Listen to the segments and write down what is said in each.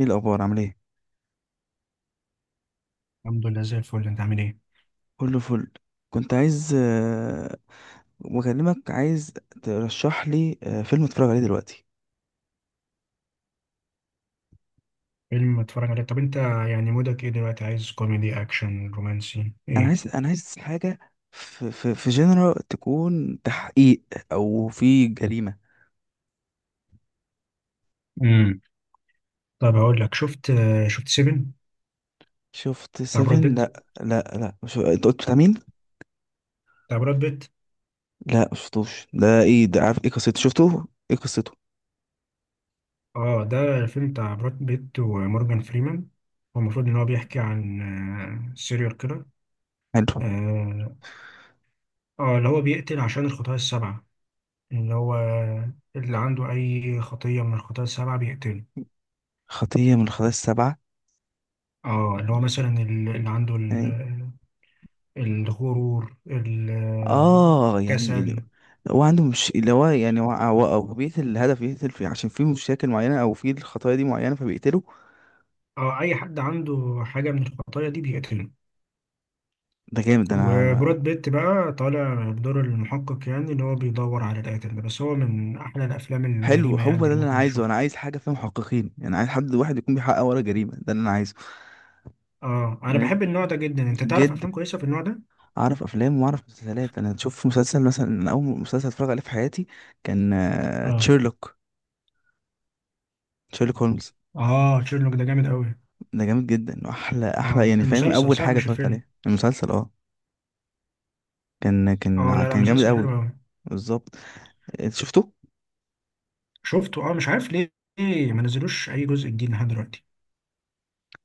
ايه الاخبار؟ عامل ايه؟ الحمد لله زي الفل، انت عامل ايه؟ كله فل. كنت عايز بكلمك، عايز ترشح لي فيلم اتفرج عليه دلوقتي. فيلم اتفرج عليه؟ طب انت يعني مودك ايه دلوقتي، عايز كوميدي اكشن رومانسي انا ايه؟ عايز انا عايز حاجه في جنرال تكون تحقيق، او في جريمه. امم طب هقول لك، شفت سيفن، شفت بتاع براد سيفن؟ بيت؟ لا لا لا، مش. انت قلت بتاع مين؟ بتاع براد بيت. لا مش شفتوش، ده ايه ده؟ عارف ايه قصته؟ شفته؟ ايه قصته؟ اه، ده الفيلم بتاع براد بيت ومورجان فريمان. هو المفروض ان هو بيحكي عن سيريال كيلر. حلو. اه، اللي هو بيقتل عشان الخطايا السبعة، اللي هو اللي عنده اي خطية من الخطايا السبعة بيقتله. خطيه من الخطايا السبعه؟ اه، اللي هو مثلا اللي عنده يعني. الغرور اه، يعني ال-، الكسل. هو عنده مش اللي هو يعني، هو بيقتل الهدف، يقتل فيه عشان في مشاكل معينة، او في الخطايا دي معينة فبيقتله. أو أي حد عنده حاجة من الخطايا دي بيقتله. ده جامد، ده انا. وبراد بيت بقى طالع بدور المحقق، يعني اللي هو بيدور على القاتل ده، بس هو من أحلى الأفلام حلو، الجريمة يعني هو ده اللي اللي انا ممكن عايزه. انا تشوفها. عايز حاجة فيها محققين يعني، عايز حد واحد يكون بيحقق ورا جريمة، ده اللي انا عايزه. اه، أنا لأن، بحب النوع ده جدا. أنت تعرف جد، أفلام كويسة في النوع ده؟ اعرف افلام واعرف مسلسلات. انا شوف مسلسل مثلا، أنا اول مسلسل اتفرج عليه في حياتي كان اه. تشيرلوك. تشيرلوك هولمز، اه، تشيرلوك ده جامد أوي. ده جامد جدا، واحلى احلى اه، يعني، فاهم؟ المسلسل اول صح حاجه مش اتفرجت الفيلم. عليها المسلسل، اه. كان اه، كان لا لا، كان جامد مسلسل حلو قوي. أوي. بالظبط. انت شفته؟ شفته. اه مش عارف ليه، ليه ما نزلوش أي جزء جديد لحد دلوقتي.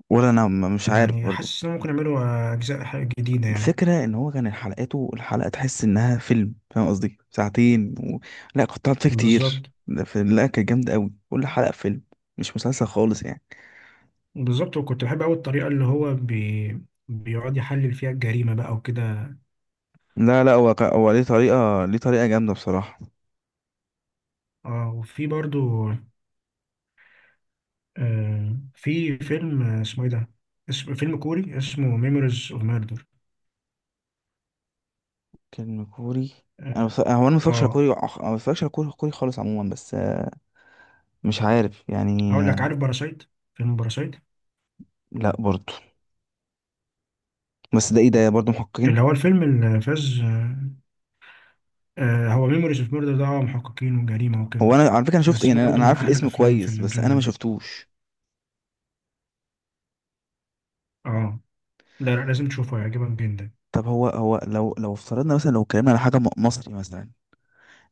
ولا انا مش عارف يعني برضو. حاسس إنهم ممكن يعملوا أجزاء جديدة يعني. الفكره ان هو كان حلقاته، الحلقه تحس انها فيلم، فاهم قصدي؟ ساعتين و. لا، كنت قعدت فيه كتير، بالظبط. ده في. لا، كانت جامده قوي، كل حلقه فيلم. مش مسلسل خالص يعني. بالظبط، وكنت بحب قوي الطريقه اللي هو بيقعد يحلل فيها الجريمه بقى وكده. لا لا، هو ليه طريقه جامده بصراحه. اه، وفي برضو في فيلم، اسمه ايه ده، اسم فيلم كوري اسمه ميموريز اوف ميردر. فيلم كوري؟ انا اه. بص. هو انا ما بتفرجش على آه، كوري، كوري خالص عموما، بس مش عارف يعني. هقول لك، آه، عارف باراسايت؟ فيلم باراسايت. لا برضو. بس ده ايه ده؟ برضو اللي محققين. هو الفيلم اللي فاز آه. هو ميموريز اوف ميردر ده، محققين وجريمه وكده. هو انا على فكره، انا شفت بس يعني، انا برضو أنا من عارف احلى الاسم الافلام في كويس، بس انا الجنرا ما دي. شفتوش. اه. لا لا، لازم تشوفه هيعجبك جدا. طب هو لو افترضنا مثلا، لو اتكلمنا على حاجه مصري مثلا،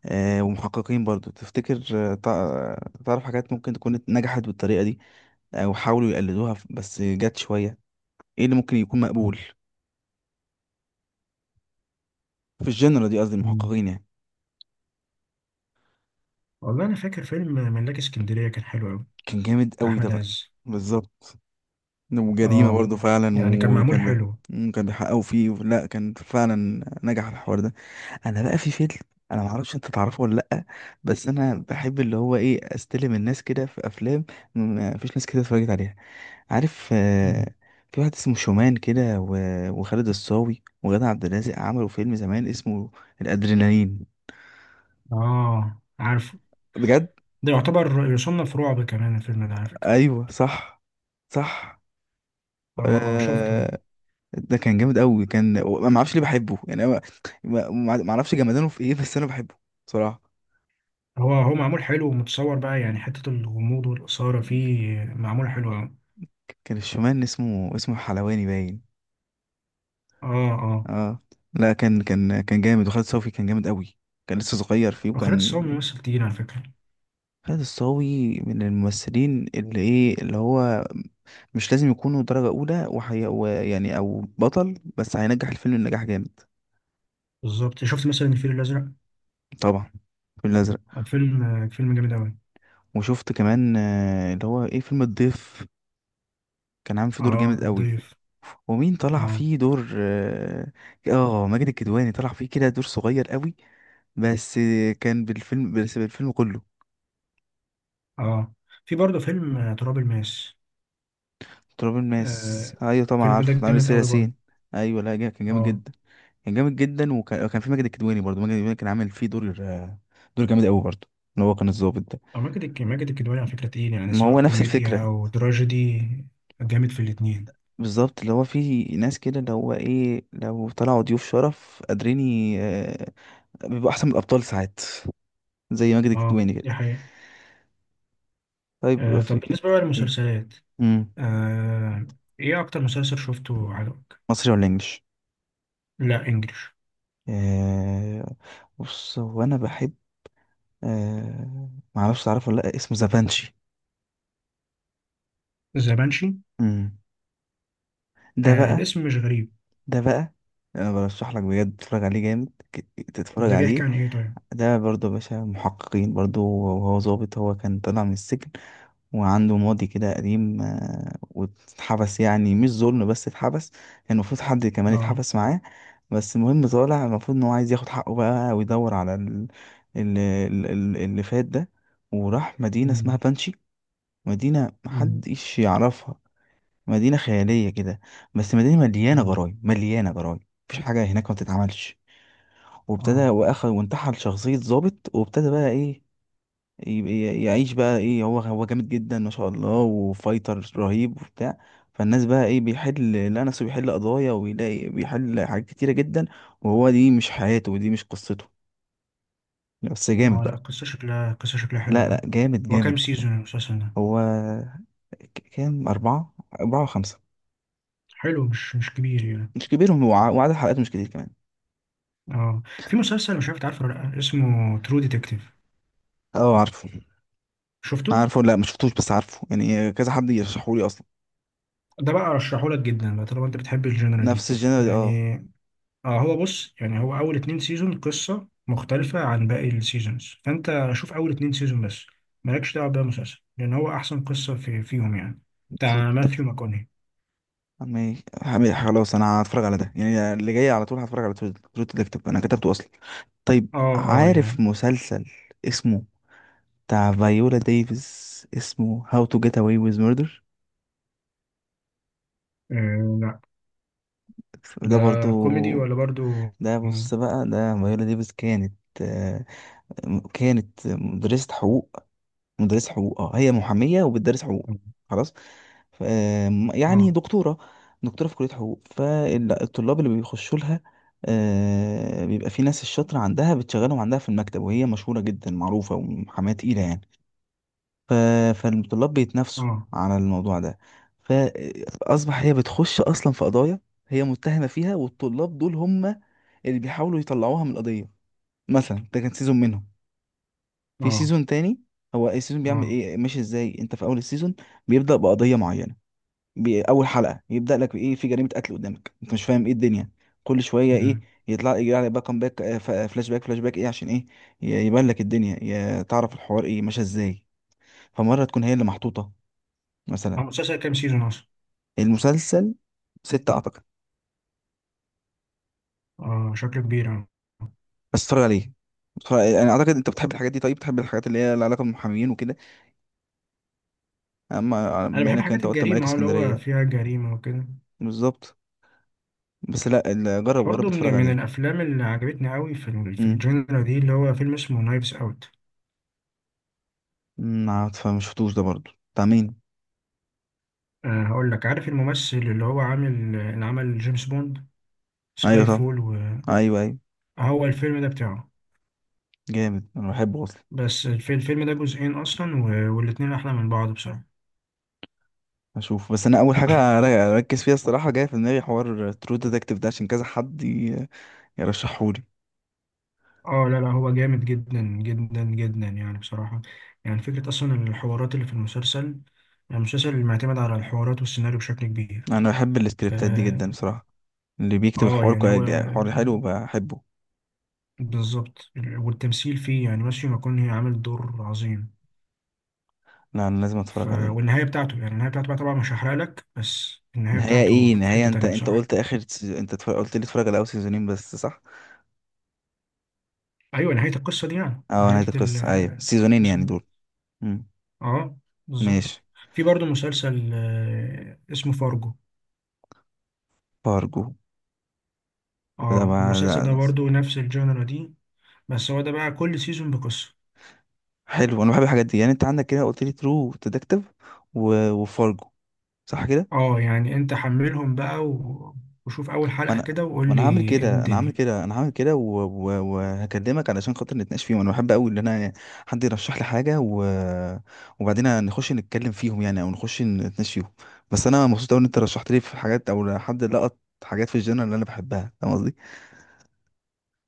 ومحققين برضو، تفتكر تعرف حاجات ممكن تكون نجحت بالطريقه دي، او حاولوا يقلدوها بس جت شويه، ايه اللي ممكن يكون مقبول في الجنرال دي، قصدي مم. المحققين يعني؟ والله انا فاكر فيلم ملاك اسكندريه كان حلو قوي. كان جامد قوي ده احمد بقى. عز. بالظبط. وجريمة اه، برضه فعلا. يعني كان معمول وكان بي- حلو. مم، كان بيحققوا فيه، لا كان فعلا نجح الحوار ده. انا بقى في فيلم، انا ما اعرفش انت تعرفه ولا لا، بس انا بحب اللي هو ايه استلم الناس كده في افلام، ما فيش ناس كده اتفرجت عليها، عارف؟ مم. في واحد اسمه شومان كده وخالد الصاوي وغادة عبد الرازق عملوا فيلم زمان اسمه الادرينالين. اه عارفه. بجد. ده يعتبر يصنف رعب كمان الفيلم ده على فكره. ايوه صح. صح. اه. اه شفته. آه، ده كان جامد قوي، ما اعرفش ليه بحبه يعني، أنا ما اعرفش جمدانه في ايه، بس انا بحبه بصراحه. هو معمول حلو ومتصور بقى، يعني حته الغموض والاثاره فيه معمول حلو قوي. كان الشومان اسمه حلواني باين. اه. اه، اه. لا كان جامد، وخالد صوفي كان جامد قوي، كان لسه صغير فيه، وخالد وكان. الصاوي ممثل تقيل على فكره. خالد الصاوي من الممثلين اللي ايه، اللي هو مش لازم يكونوا درجه اولى، وحي. ويعني او بطل، بس هينجح الفيلم النجاح جامد. بالظبط. شفت مثلا الفيل الازرق؟ طبعا. الفيل الازرق. فيلم، فيلم جامد قوي. وشفت كمان اللي هو ايه، فيلم الضيف، كان عامل فيه دور اه جامد قوي. الضيف. ومين طلع اه. فيه دور؟ اه. ماجد الكدواني طلع فيه كده دور صغير قوي، بس كان بالفيلم، بس بالفيلم كله. اه، في برضه فيلم تراب الماس. تراب الماس آه، ايوه طبعا الفيلم ده عارفه، عامل جامد سياسين. قوي برضه. ياسين. ايوه، لا، كان جامد اه. جدا. كان جامد جدا، وكان في ماجد الكدواني برضه، ماجد الكدواني كان عامل فيه دور دور جامد قوي برضه، اللي هو كان الضابط ده. أو ماجد الكدواني على فكرة تقيل، يعني ما سواء هو نفس كوميديا الفكره. أو تراجيدي، جامد في الاتنين. بالظبط، اللي هو في ناس كده اللي هو ايه، لو طلعوا ضيوف شرف قادرين بيبقوا احسن من الابطال ساعات، زي ماجد اه الكدواني كده. دي حقيقة. طيب آه، طب في. بالنسبة بقى للمسلسلات، إيه؟ آه إيه أكتر مسلسل شفته عجبك؟ مصري ولا انجليش؟ لا إنجلش. آه. بص، هو انا بحب آه معرفش تعرفه ولا لا، اسمه زافانشي. ذا بانشي. امم. ده آه، بقى. الاسم مش غريب. ده بقى، انا برشح لك بجد تتفرج عليه، جامد تتفرج ده بيحكي عليه. عن إيه طيب؟ ده برضه يا باشا محققين برضه، وهو ظابط، هو كان طالع من السجن، وعنده ماضي كده قديم، واتحبس يعني مش ظلم، بس اتحبس، كان المفروض حد كمان اه. يتحبس معاه. بس المهم طالع، المفروض ان هو عايز ياخد حقه بقى، ويدور على اللي فات ده، وراح مدينة اسمها أمم، بانشي. مدينة أمم، محدش يعرفها، مدينة خيالية كده، بس مدينة مليانة أمم. جرايم مليانة جرايم، مفيش حاجة هناك ما بتتعملش. وابتدى اه. واخد وانتحل شخصية ضابط، وابتدى بقى ايه، يبقى يعيش بقى ايه، هو جامد جدا ما شاء الله، وفايتر رهيب وبتاع. فالناس بقى ايه بيحل، لا نفسه بيحل قضايا، ويلاقي بيحل حاجات كتيرة جدا، وهو دي مش حياته، ودي مش قصته، بس جامد اه لا، بقى. القصة شكلها، القصة شكلها حلوة لا لا، أوي. جامد هو كام جامد. سيزون المسلسل ده؟ هو كام؟ أربعة، أربعة وخمسة. حلو، مش كبير يعني. مش كبير، وعدد حلقاته مش كتير كمان. اه، في مسلسل مش عارف تعرفه ولا لأ، اسمه ترو ديتكتيف. اه عارفه. شفته؟ عارفه، لا ما شفتوش، بس عارفه يعني، كذا حد يرشحهولي اصلا. ده بقى ارشحه لك جدا بقى طالما انت بتحب الجنرا دي. نفس الجنرال اه. يعني اه. هو بص، يعني هو اول 2 سيزون قصه مختلفه عن باقي السيزونز، فانت شوف اول 2 سيزون بس. مالكش دعوه بقى مسلسل لان هو احسن قصه في فيهم يعني. ترو. بتاع ماثيو ماكوني. ماشي حبيبي، خلاص انا هتفرج على ده يعني، اللي جاي على طول هتفرج على ترو ديتكتيف، انا كتبته اصلا. طيب. اه. اه عارف يعني. مسلسل اسمه، بتاع فايولا ديفيس، اسمه هاو تو جيت اواي ويز ميردر. لا. ده ده برضو، كوميدي ولا برضو. ده اه. بص بقى، ده فايولا ديفيس كانت آه، كانت مدرسة حقوق. مدرسة حقوق، اه هي محامية وبتدرس حقوق. خلاص. ف- آم، يعني اه. دكتورة، دكتورة في كلية حقوق، فالطلاب اللي بيخشوا لها بيبقى في ناس الشاطرة عندها بتشغلهم عندها في المكتب، وهي مشهورة جدا، معروفة ومحاماة تقيلة يعني، ف- فالطلاب بيتنافسوا اه. على الموضوع ده. فأصبح هي بتخش أصلا في قضايا، هي متهمة فيها، والطلاب دول هم اللي بيحاولوا يطلعوها من القضية. مثلا ده كان سيزون منهم، في اه. سيزون تاني. هو السيزون بيعمل اه. ايه ماشي ازاي؟ انت في اول السيزون بيبدأ بقضية معينة، اول حلقة يبدأ لك ايه، في جريمة قتل قدامك، انت مش فاهم ايه الدنيا، كل شوية ايه، مم. يطلع يجي على باك فلاش باك فلاش باك ايه عشان ايه، يبان لك الدنيا، تعرف الحوار ايه ماشي ازاي، فمرة تكون هي اللي محطوطة مثلا. هو مسلسل كام سيزون اصلا؟ المسلسل ستة اعتقد. اه شكله كبير اه. بس اتفرج عليه، انا اعتقد انت بتحب الحاجات دي، طيب بتحب الحاجات اللي هي لها علاقة بالمحامين وكده، اما انا بما بحب انك حاجات انت قلت ملاك الجريمه، اه اللي هو اسكندرية. فيها جريمه وكده. بالظبط. بس لا جرب جرب برضه من اتفرج من عليه. الافلام اللي عجبتني قوي في في امم. الجنرا دي، اللي هو فيلم اسمه نايفز اوت. عارفة ما شفتوش ده برضو، بتاع مين؟ أه هقول لك، عارف الممثل اللي هو عامل اللي عمل جيمس بوند، ايوه سكاي طبعا. فول؟ ايوه ايوه. وهو الفيلم ده بتاعه. جامد، انا بحبه اصلا. بس الفيلم ده جزئين اصلا، و- والاتنين احلى من بعض بصراحة. اشوف بس، انا اول حاجه اركز فيها الصراحه، جايه في دماغي حوار ترو ديتكتيف ده، عشان كذا حد يرشحهولي. اه لا لا، هو جامد جدا جدا جدا يعني بصراحة. يعني فكرة اصلا الحوارات اللي في المسلسل، المسلسل اللي معتمد على الحوارات والسيناريو بشكل كبير. انا بحب السكريبتات دي اه. جدا بصراحه، اللي بيكتب الحوار يعني هو حوار حلو بحبه. بالظبط. والتمثيل فيه يعني ماثيو ماكونهي عامل دور عظيم. لا انا لازم اتفرج عليه. والنهاية بتاعته، يعني النهاية بتاعته بقى طبعا مش هحرق لك، بس النهاية نهايه بتاعته ايه؟ في نهايه، حتة انت تانية انت بصراحة. قلت اخر انت اتفرج. قلت لي اتفرج على اول سيزونين بس، صح؟ أيوة نهاية القصة دي، يعني اه نهاية نهايه القصه، ايوه سيزونين القصة يعني دي. دول. امم. اه بالظبط. ماشي. في برضه مسلسل اسمه فارجو. بارجو. لا اه ما المسلسل ده لا. برضه نفس الجانرا دي، بس هو ده بقى كل سيزون بقصة. حلو، انا بحب الحاجات دي يعني، انت عندك كده قلت لي ترو ديتكتيف، وفارجو، صح كده؟ اه يعني انت حملهم بقى وشوف أول ما حلقة انا، كده ما وقول لي إيه الدنيا. انا هعمل كده وهكلمك علشان خاطر نتناقش فيهم، انا بحب قوي ان انا، حد يرشح لي حاجه، و... وبعدين نخش نتكلم فيهم يعني، او نخش نتناقش فيهم. بس انا مبسوط قوي ان انت رشحت لي في حاجات، او حد لقط حاجات في الجنرال اللي انا بحبها، فاهم قصدي؟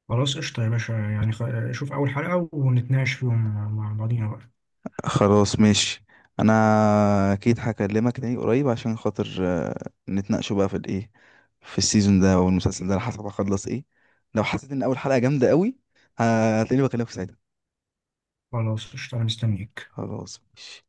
خلاص قشطة يا باشا، يعني شوف أول حلقة ونتناقش فيهم مع بعضينا بقى. خلاص ماشي. انا، اكيد هكلمك تاني قريب عشان خاطر نتناقشوا بقى في الايه، في السيزون ده او المسلسل ده، على حسب هخلص ايه. لو حسيت ان اول حلقة جامدة قوي، هتلاقيني بكلمك ساعتها. خلاص قشطة أنا مستنيك. خلاص ماشي.